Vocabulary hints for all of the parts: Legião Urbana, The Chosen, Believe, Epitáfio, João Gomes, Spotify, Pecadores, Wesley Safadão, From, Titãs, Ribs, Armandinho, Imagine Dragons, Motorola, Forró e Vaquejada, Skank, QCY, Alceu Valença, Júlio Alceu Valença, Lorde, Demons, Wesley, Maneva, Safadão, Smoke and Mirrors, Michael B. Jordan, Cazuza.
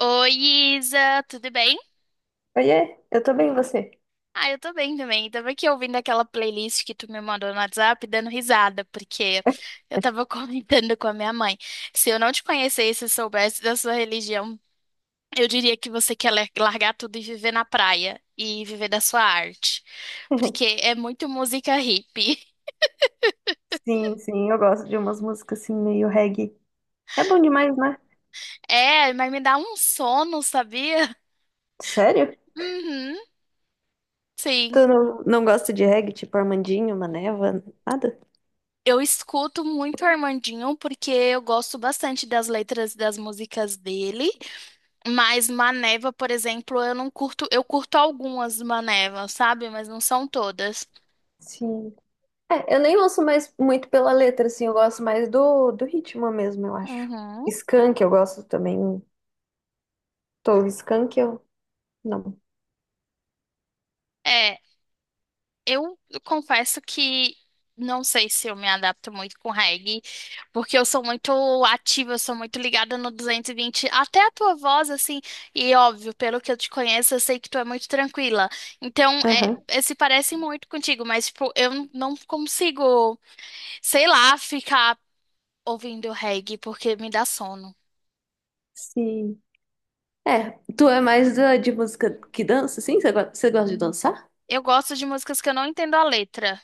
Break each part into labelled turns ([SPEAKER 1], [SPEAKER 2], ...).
[SPEAKER 1] Oi, Isa, tudo bem?
[SPEAKER 2] Oiê, eu tô bem, e você?
[SPEAKER 1] Ah, eu tô bem também. Tava aqui ouvindo aquela playlist que tu me mandou no WhatsApp, dando risada, porque eu tava comentando com a minha mãe. Se eu não te conhecesse e soubesse da sua religião, eu diria que você quer largar tudo e viver na praia e viver da sua arte, porque é muito música hippie.
[SPEAKER 2] Sim, eu gosto de umas músicas assim, meio reggae. É bom demais, né?
[SPEAKER 1] É, mas me dá um sono, sabia?
[SPEAKER 2] Sério?
[SPEAKER 1] Uhum, sim.
[SPEAKER 2] Tu não gosta de reggae, tipo Armandinho, Maneva, nada?
[SPEAKER 1] Eu escuto muito o Armandinho porque eu gosto bastante das letras das músicas dele. Mas Maneva, por exemplo, eu não curto, eu curto algumas Manevas, sabe? Mas não são todas.
[SPEAKER 2] Sim. É, eu nem ouço mais muito pela letra, assim, eu gosto mais do ritmo mesmo, eu acho.
[SPEAKER 1] Uhum.
[SPEAKER 2] Skank eu gosto também. Tô, Skank eu... Não.
[SPEAKER 1] É, eu confesso que não sei se eu me adapto muito com reggae, porque eu sou muito ativa, eu sou muito ligada no 220, até a tua voz, assim, e óbvio, pelo que eu te conheço, eu sei que tu é muito tranquila. Então,
[SPEAKER 2] Aham,
[SPEAKER 1] se parece muito contigo, mas, tipo, eu não consigo, sei lá, ficar ouvindo reggae, porque me dá sono.
[SPEAKER 2] sim. É, tu é mais de música que dança, sim? Você você gosta de dançar?
[SPEAKER 1] Eu gosto de músicas que eu não entendo a letra.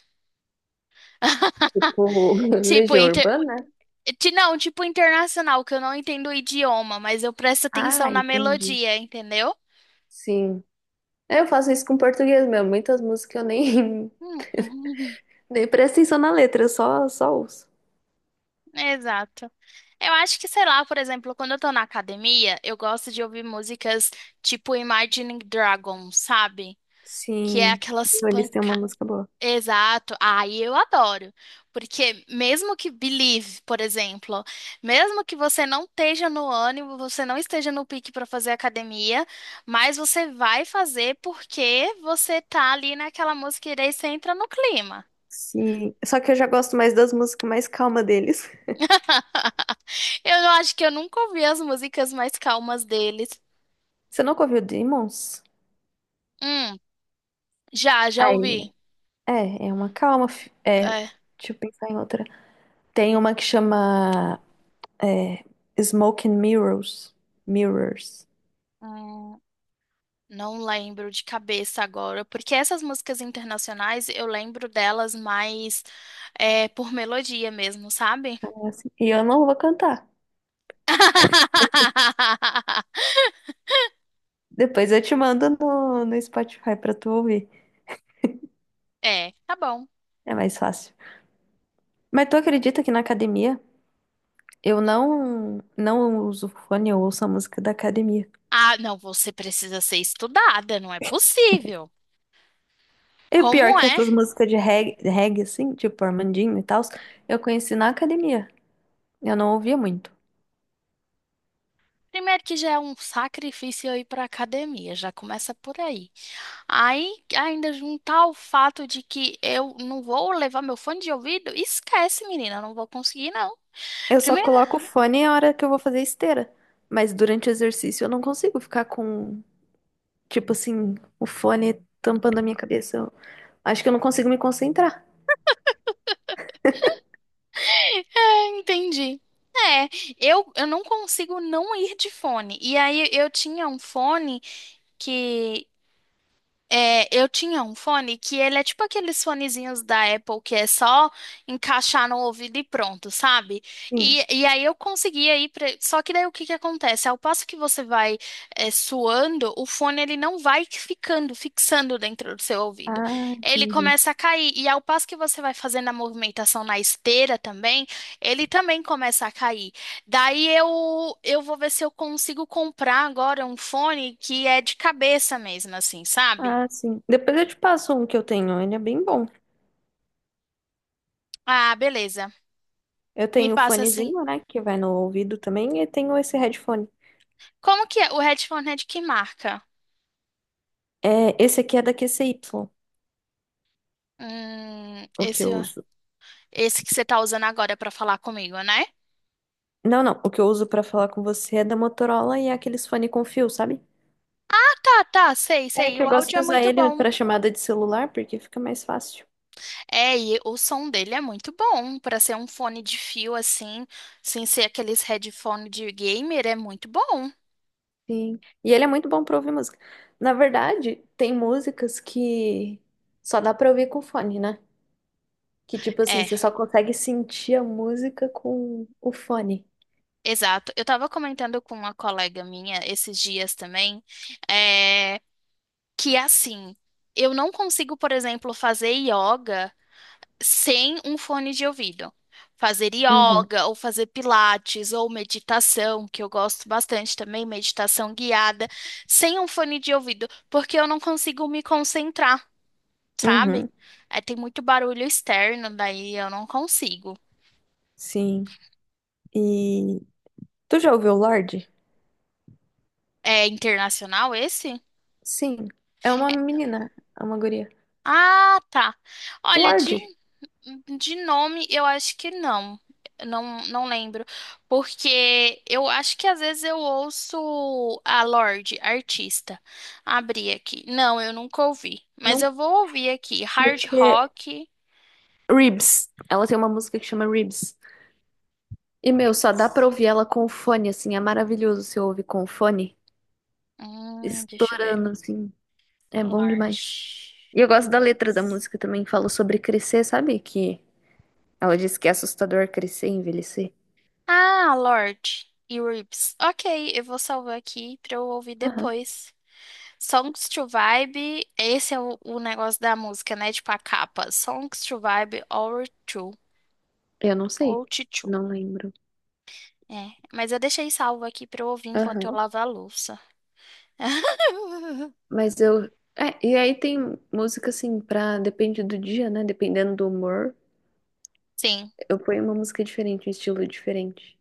[SPEAKER 2] Tipo,
[SPEAKER 1] Tipo,
[SPEAKER 2] Legião
[SPEAKER 1] inter...
[SPEAKER 2] Urbana?
[SPEAKER 1] não, tipo internacional, que eu não entendo o idioma, mas eu presto
[SPEAKER 2] Ah,
[SPEAKER 1] atenção na
[SPEAKER 2] entendi.
[SPEAKER 1] melodia, entendeu?
[SPEAKER 2] Sim. É, eu faço isso com português mesmo. Muitas músicas eu nem,
[SPEAKER 1] Hum.
[SPEAKER 2] nem presto atenção na letra, eu só ouço.
[SPEAKER 1] Exato. Eu acho que, sei lá, por exemplo, quando eu tô na academia, eu gosto de ouvir músicas tipo Imagine Dragons, sabe? Que é
[SPEAKER 2] Sim,
[SPEAKER 1] aquelas
[SPEAKER 2] eles têm uma
[SPEAKER 1] pancadas.
[SPEAKER 2] música boa.
[SPEAKER 1] Exato, aí eu adoro, porque mesmo que Believe, por exemplo, mesmo que você não esteja no ânimo, você não esteja no pique para fazer academia, mas você vai fazer porque você tá ali naquela música e daí você entra no clima.
[SPEAKER 2] Sim, só que eu já gosto mais das músicas mais calmas deles.
[SPEAKER 1] Eu acho que eu nunca ouvi as músicas mais calmas deles.
[SPEAKER 2] Você nunca ouviu Demons?
[SPEAKER 1] Hum, já
[SPEAKER 2] Ai,
[SPEAKER 1] ouvi.
[SPEAKER 2] é uma calma. É,
[SPEAKER 1] É.
[SPEAKER 2] deixa eu pensar em outra. Tem uma que chama é, Smoke and Mirrors. Mirrors.
[SPEAKER 1] Não lembro de cabeça agora, porque essas músicas internacionais eu lembro delas mais por melodia mesmo, sabe?
[SPEAKER 2] É assim. E eu não vou cantar. Depois eu te mando no Spotify pra tu ouvir.
[SPEAKER 1] É, tá bom.
[SPEAKER 2] É mais fácil. Mas tu acredita que na academia eu não uso fone, eu ouço a música da academia.
[SPEAKER 1] Ah, não, você precisa ser estudada, não é possível.
[SPEAKER 2] E o pior é
[SPEAKER 1] Como
[SPEAKER 2] que
[SPEAKER 1] é?
[SPEAKER 2] essas músicas de reggae assim, tipo Armandinho e tal, eu conheci na academia. Eu não ouvia muito.
[SPEAKER 1] Primeiro que já é um sacrifício eu ir para academia, já começa por aí. Aí ainda juntar o fato de que eu não vou levar meu fone de ouvido, esquece, menina, não vou conseguir não.
[SPEAKER 2] Eu só coloco o fone na hora que eu vou fazer esteira. Mas durante o exercício eu não consigo ficar com, tipo assim, o fone tampando a minha cabeça. Eu acho que eu não consigo me concentrar.
[SPEAKER 1] Ah, entendi. É, eu não consigo não ir de fone. E aí eu tinha um fone que eu tinha um fone que ele é tipo aqueles fonezinhos da Apple que é só encaixar no ouvido e pronto, sabe?
[SPEAKER 2] Sim.
[SPEAKER 1] E, aí eu conseguia ir pra... Só que daí o que que acontece? Ao passo que você vai suando, o fone ele não vai ficando, fixando dentro do seu ouvido.
[SPEAKER 2] Ah,
[SPEAKER 1] Ele
[SPEAKER 2] entendi.
[SPEAKER 1] começa a cair. E ao passo que você vai fazendo a movimentação na esteira também, ele também começa a cair. Daí eu vou ver se eu consigo comprar agora um fone que é de cabeça mesmo, assim, sabe?
[SPEAKER 2] Ah, sim. Depois eu te passo um que eu tenho, ele é bem bom.
[SPEAKER 1] Ah, beleza.
[SPEAKER 2] Eu
[SPEAKER 1] Me
[SPEAKER 2] tenho o
[SPEAKER 1] passa assim.
[SPEAKER 2] fonezinho, né, que vai no ouvido também, e tenho esse headphone.
[SPEAKER 1] Como que é? O headphone é de que marca?
[SPEAKER 2] É, esse aqui é da QCY,
[SPEAKER 1] Hum,
[SPEAKER 2] o que
[SPEAKER 1] esse,
[SPEAKER 2] eu uso.
[SPEAKER 1] Esse que você tá usando agora pra falar comigo, né?
[SPEAKER 2] Não, o que eu uso pra falar com você é da Motorola e é aqueles fone com fio, sabe?
[SPEAKER 1] Ah, tá, tá, sei,
[SPEAKER 2] É
[SPEAKER 1] sei.
[SPEAKER 2] que eu
[SPEAKER 1] O
[SPEAKER 2] gosto
[SPEAKER 1] áudio
[SPEAKER 2] de
[SPEAKER 1] é
[SPEAKER 2] usar
[SPEAKER 1] muito
[SPEAKER 2] ele
[SPEAKER 1] bom.
[SPEAKER 2] pra chamada de celular, porque fica mais fácil.
[SPEAKER 1] É, e o som dele é muito bom pra ser um fone de fio assim, sem ser aqueles headphone de gamer, é muito bom.
[SPEAKER 2] Sim. E ele é muito bom pra ouvir música. Na verdade, tem músicas que só dá pra ouvir com fone, né? Que tipo assim,
[SPEAKER 1] É,
[SPEAKER 2] você só consegue sentir a música com o fone.
[SPEAKER 1] exato. Eu tava comentando com uma colega minha esses dias também, é, que assim, eu não consigo, por exemplo, fazer yoga sem um fone de ouvido. Fazer
[SPEAKER 2] Uhum,
[SPEAKER 1] yoga, ou fazer pilates, ou meditação, que eu gosto bastante também, meditação guiada, sem um fone de ouvido, porque eu não consigo me concentrar, sabe?
[SPEAKER 2] uhum,
[SPEAKER 1] É, tem muito barulho externo, daí eu não consigo.
[SPEAKER 2] sim. E tu já ouviu o Lorde?
[SPEAKER 1] É internacional esse?
[SPEAKER 2] Sim, é uma menina, é uma guria.
[SPEAKER 1] Ah, tá. Olha,
[SPEAKER 2] Lorde,
[SPEAKER 1] de nome, eu acho que não. Eu não, não lembro. Porque eu acho que às vezes eu ouço a Lorde, artista. Abrir aqui. Não, eu nunca ouvi. Mas
[SPEAKER 2] não,
[SPEAKER 1] eu vou ouvir aqui. Hard
[SPEAKER 2] porque
[SPEAKER 1] Rock.
[SPEAKER 2] Ribs, ela tem uma música que chama Ribs. E meu, só dá pra
[SPEAKER 1] Roots.
[SPEAKER 2] ouvir ela com o fone, assim, é maravilhoso se ouvir com o fone,
[SPEAKER 1] Deixa eu ver.
[SPEAKER 2] estourando, assim, é bom
[SPEAKER 1] Lorde.
[SPEAKER 2] demais. E eu gosto da letra da
[SPEAKER 1] Roots.
[SPEAKER 2] música também, fala sobre crescer, sabe? Que ela diz que é assustador crescer e envelhecer.
[SPEAKER 1] Ah, Lorde e Roots. Ok, eu vou salvar aqui pra eu ouvir
[SPEAKER 2] Aham,
[SPEAKER 1] depois. Songs to Vibe, esse é o negócio da música, né? Tipo a capa. Songs to Vibe or to.
[SPEAKER 2] eu não sei,
[SPEAKER 1] Ou to.
[SPEAKER 2] não lembro.
[SPEAKER 1] É. Mas eu deixei salvo aqui pra eu ouvir enquanto eu
[SPEAKER 2] Aham,
[SPEAKER 1] lavo a louça.
[SPEAKER 2] mas eu. É, e aí tem música assim pra. Depende do dia, né? Dependendo do humor.
[SPEAKER 1] Sim,
[SPEAKER 2] Eu ponho uma música diferente, um estilo diferente.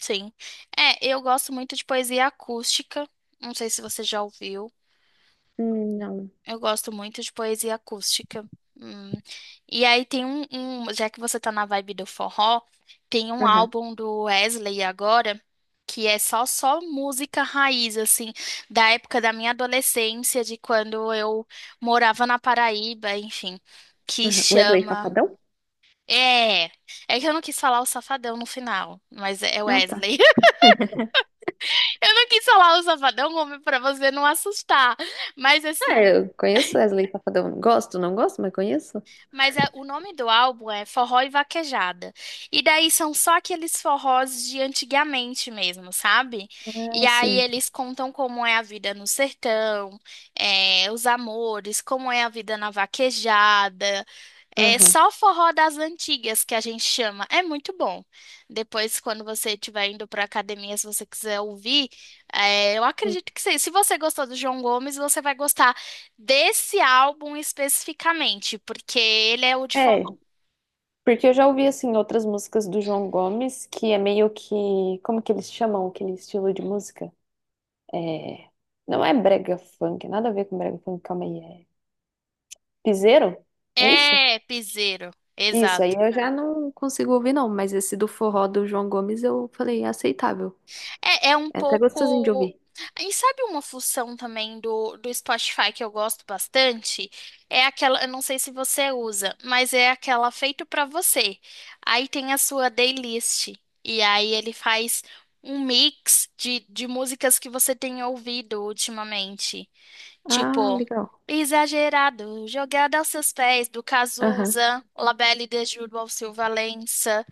[SPEAKER 1] sim. É, eu gosto muito de poesia acústica. Não sei se você já ouviu.
[SPEAKER 2] Não.
[SPEAKER 1] Eu gosto muito de poesia acústica. Hum. E aí tem um, já que você tá na vibe do forró, tem um
[SPEAKER 2] Aham,
[SPEAKER 1] álbum do Wesley agora que é só música raiz assim, da época da minha adolescência, de quando eu morava na Paraíba, enfim, que
[SPEAKER 2] aham. Wesley
[SPEAKER 1] chama...
[SPEAKER 2] Safadão?
[SPEAKER 1] É, é que eu não quis falar o Safadão no final, mas é
[SPEAKER 2] Ah, tá.
[SPEAKER 1] Wesley. Eu não quis falar o Safadão, homem, pra você não assustar. Mas
[SPEAKER 2] Ah,
[SPEAKER 1] assim,
[SPEAKER 2] eu conheço Wesley Safadão. Gosto, não gosto, mas conheço.
[SPEAKER 1] mas é- o nome do álbum é Forró e Vaquejada. E daí são só aqueles forrós de antigamente mesmo, sabe?
[SPEAKER 2] Ah,
[SPEAKER 1] E aí
[SPEAKER 2] sim.
[SPEAKER 1] eles contam como é a vida no sertão, os amores, como é a vida na vaquejada. É
[SPEAKER 2] Aham.
[SPEAKER 1] só forró das antigas que a gente chama. É muito bom. Depois, quando você estiver indo para academia, se você quiser ouvir, é, eu
[SPEAKER 2] Hum.
[SPEAKER 1] acredito que sim. Se você gostou do João Gomes, você vai gostar desse álbum especificamente, porque ele é o de forró.
[SPEAKER 2] É, porque eu já ouvi, assim, outras músicas do João Gomes, que é meio que... Como que eles chamam aquele estilo de música? É... Não é brega funk, nada a ver com brega funk, calma aí. É piseiro? É isso?
[SPEAKER 1] É, piseiro,
[SPEAKER 2] Isso, aí
[SPEAKER 1] exato.
[SPEAKER 2] eu já não consigo ouvir, não, mas esse do forró do João Gomes eu falei é aceitável.
[SPEAKER 1] É, é um
[SPEAKER 2] É até gostosinho de
[SPEAKER 1] pouco.
[SPEAKER 2] ouvir.
[SPEAKER 1] E sabe uma função também do Spotify que eu gosto bastante? É aquela, eu não sei se você usa, mas é aquela feito pra você. Aí tem a sua playlist. E aí ele faz um mix de músicas que você tem ouvido ultimamente.
[SPEAKER 2] Ah,
[SPEAKER 1] Tipo,
[SPEAKER 2] legal.
[SPEAKER 1] exagerado, jogada aos seus pés, do
[SPEAKER 2] Aham.
[SPEAKER 1] Cazuza, Labelle de Júlio Alceu Valença,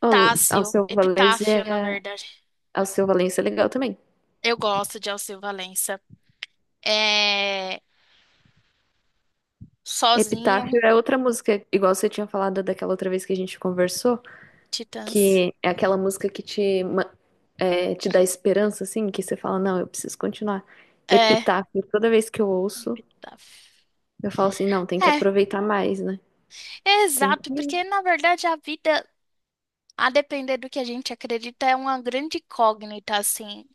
[SPEAKER 2] Al- Alceu Valença
[SPEAKER 1] Epitáfio, na
[SPEAKER 2] é...
[SPEAKER 1] verdade.
[SPEAKER 2] Alceu Valença é legal também.
[SPEAKER 1] Eu gosto de Alceu Valença. É, Sozinho,
[SPEAKER 2] Epitáfio é outra música, igual você tinha falado daquela outra vez que a gente conversou,
[SPEAKER 1] Titãs.
[SPEAKER 2] que é aquela música que é, te dá esperança, assim, que você fala, não, eu preciso continuar.
[SPEAKER 1] É,
[SPEAKER 2] Epitáfio, toda vez que eu ouço,
[SPEAKER 1] Epitáfio.
[SPEAKER 2] eu falo assim, não, tem que
[SPEAKER 1] É,
[SPEAKER 2] aproveitar mais, né?
[SPEAKER 1] é
[SPEAKER 2] Tem que...
[SPEAKER 1] exato, porque na verdade a vida... A depender do que a gente acredita, é uma grande incógnita, assim,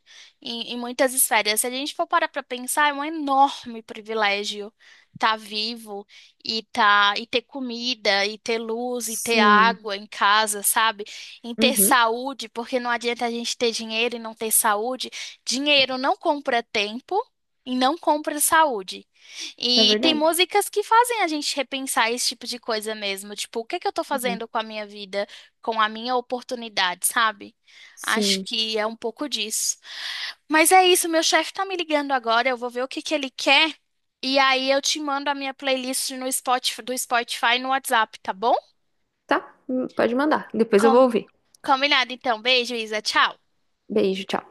[SPEAKER 1] em muitas esferas. Se a gente for parar para pensar, é um enorme privilégio estar vivo e ter comida, e ter luz, e ter
[SPEAKER 2] Sim.
[SPEAKER 1] água em casa, sabe? Em ter
[SPEAKER 2] Uhum.
[SPEAKER 1] saúde, porque não adianta a gente ter dinheiro e não ter saúde. Dinheiro não compra tempo e não compra saúde.
[SPEAKER 2] É
[SPEAKER 1] E tem
[SPEAKER 2] verdade.
[SPEAKER 1] músicas que fazem a gente repensar esse tipo de coisa mesmo. Tipo, o que é que eu tô
[SPEAKER 2] Uhum.
[SPEAKER 1] fazendo com a minha vida? Com a minha oportunidade, sabe? Acho
[SPEAKER 2] Sim.
[SPEAKER 1] que é um pouco disso. Mas é isso, meu chefe tá me ligando agora, eu vou ver o que que ele quer e aí eu te mando a minha playlist no Spotify, do Spotify no WhatsApp, tá bom?
[SPEAKER 2] Tá? Pode mandar. Depois eu vou
[SPEAKER 1] Com-
[SPEAKER 2] ouvir.
[SPEAKER 1] Combinado então. Beijo, Isa. Tchau.
[SPEAKER 2] Beijo, tchau.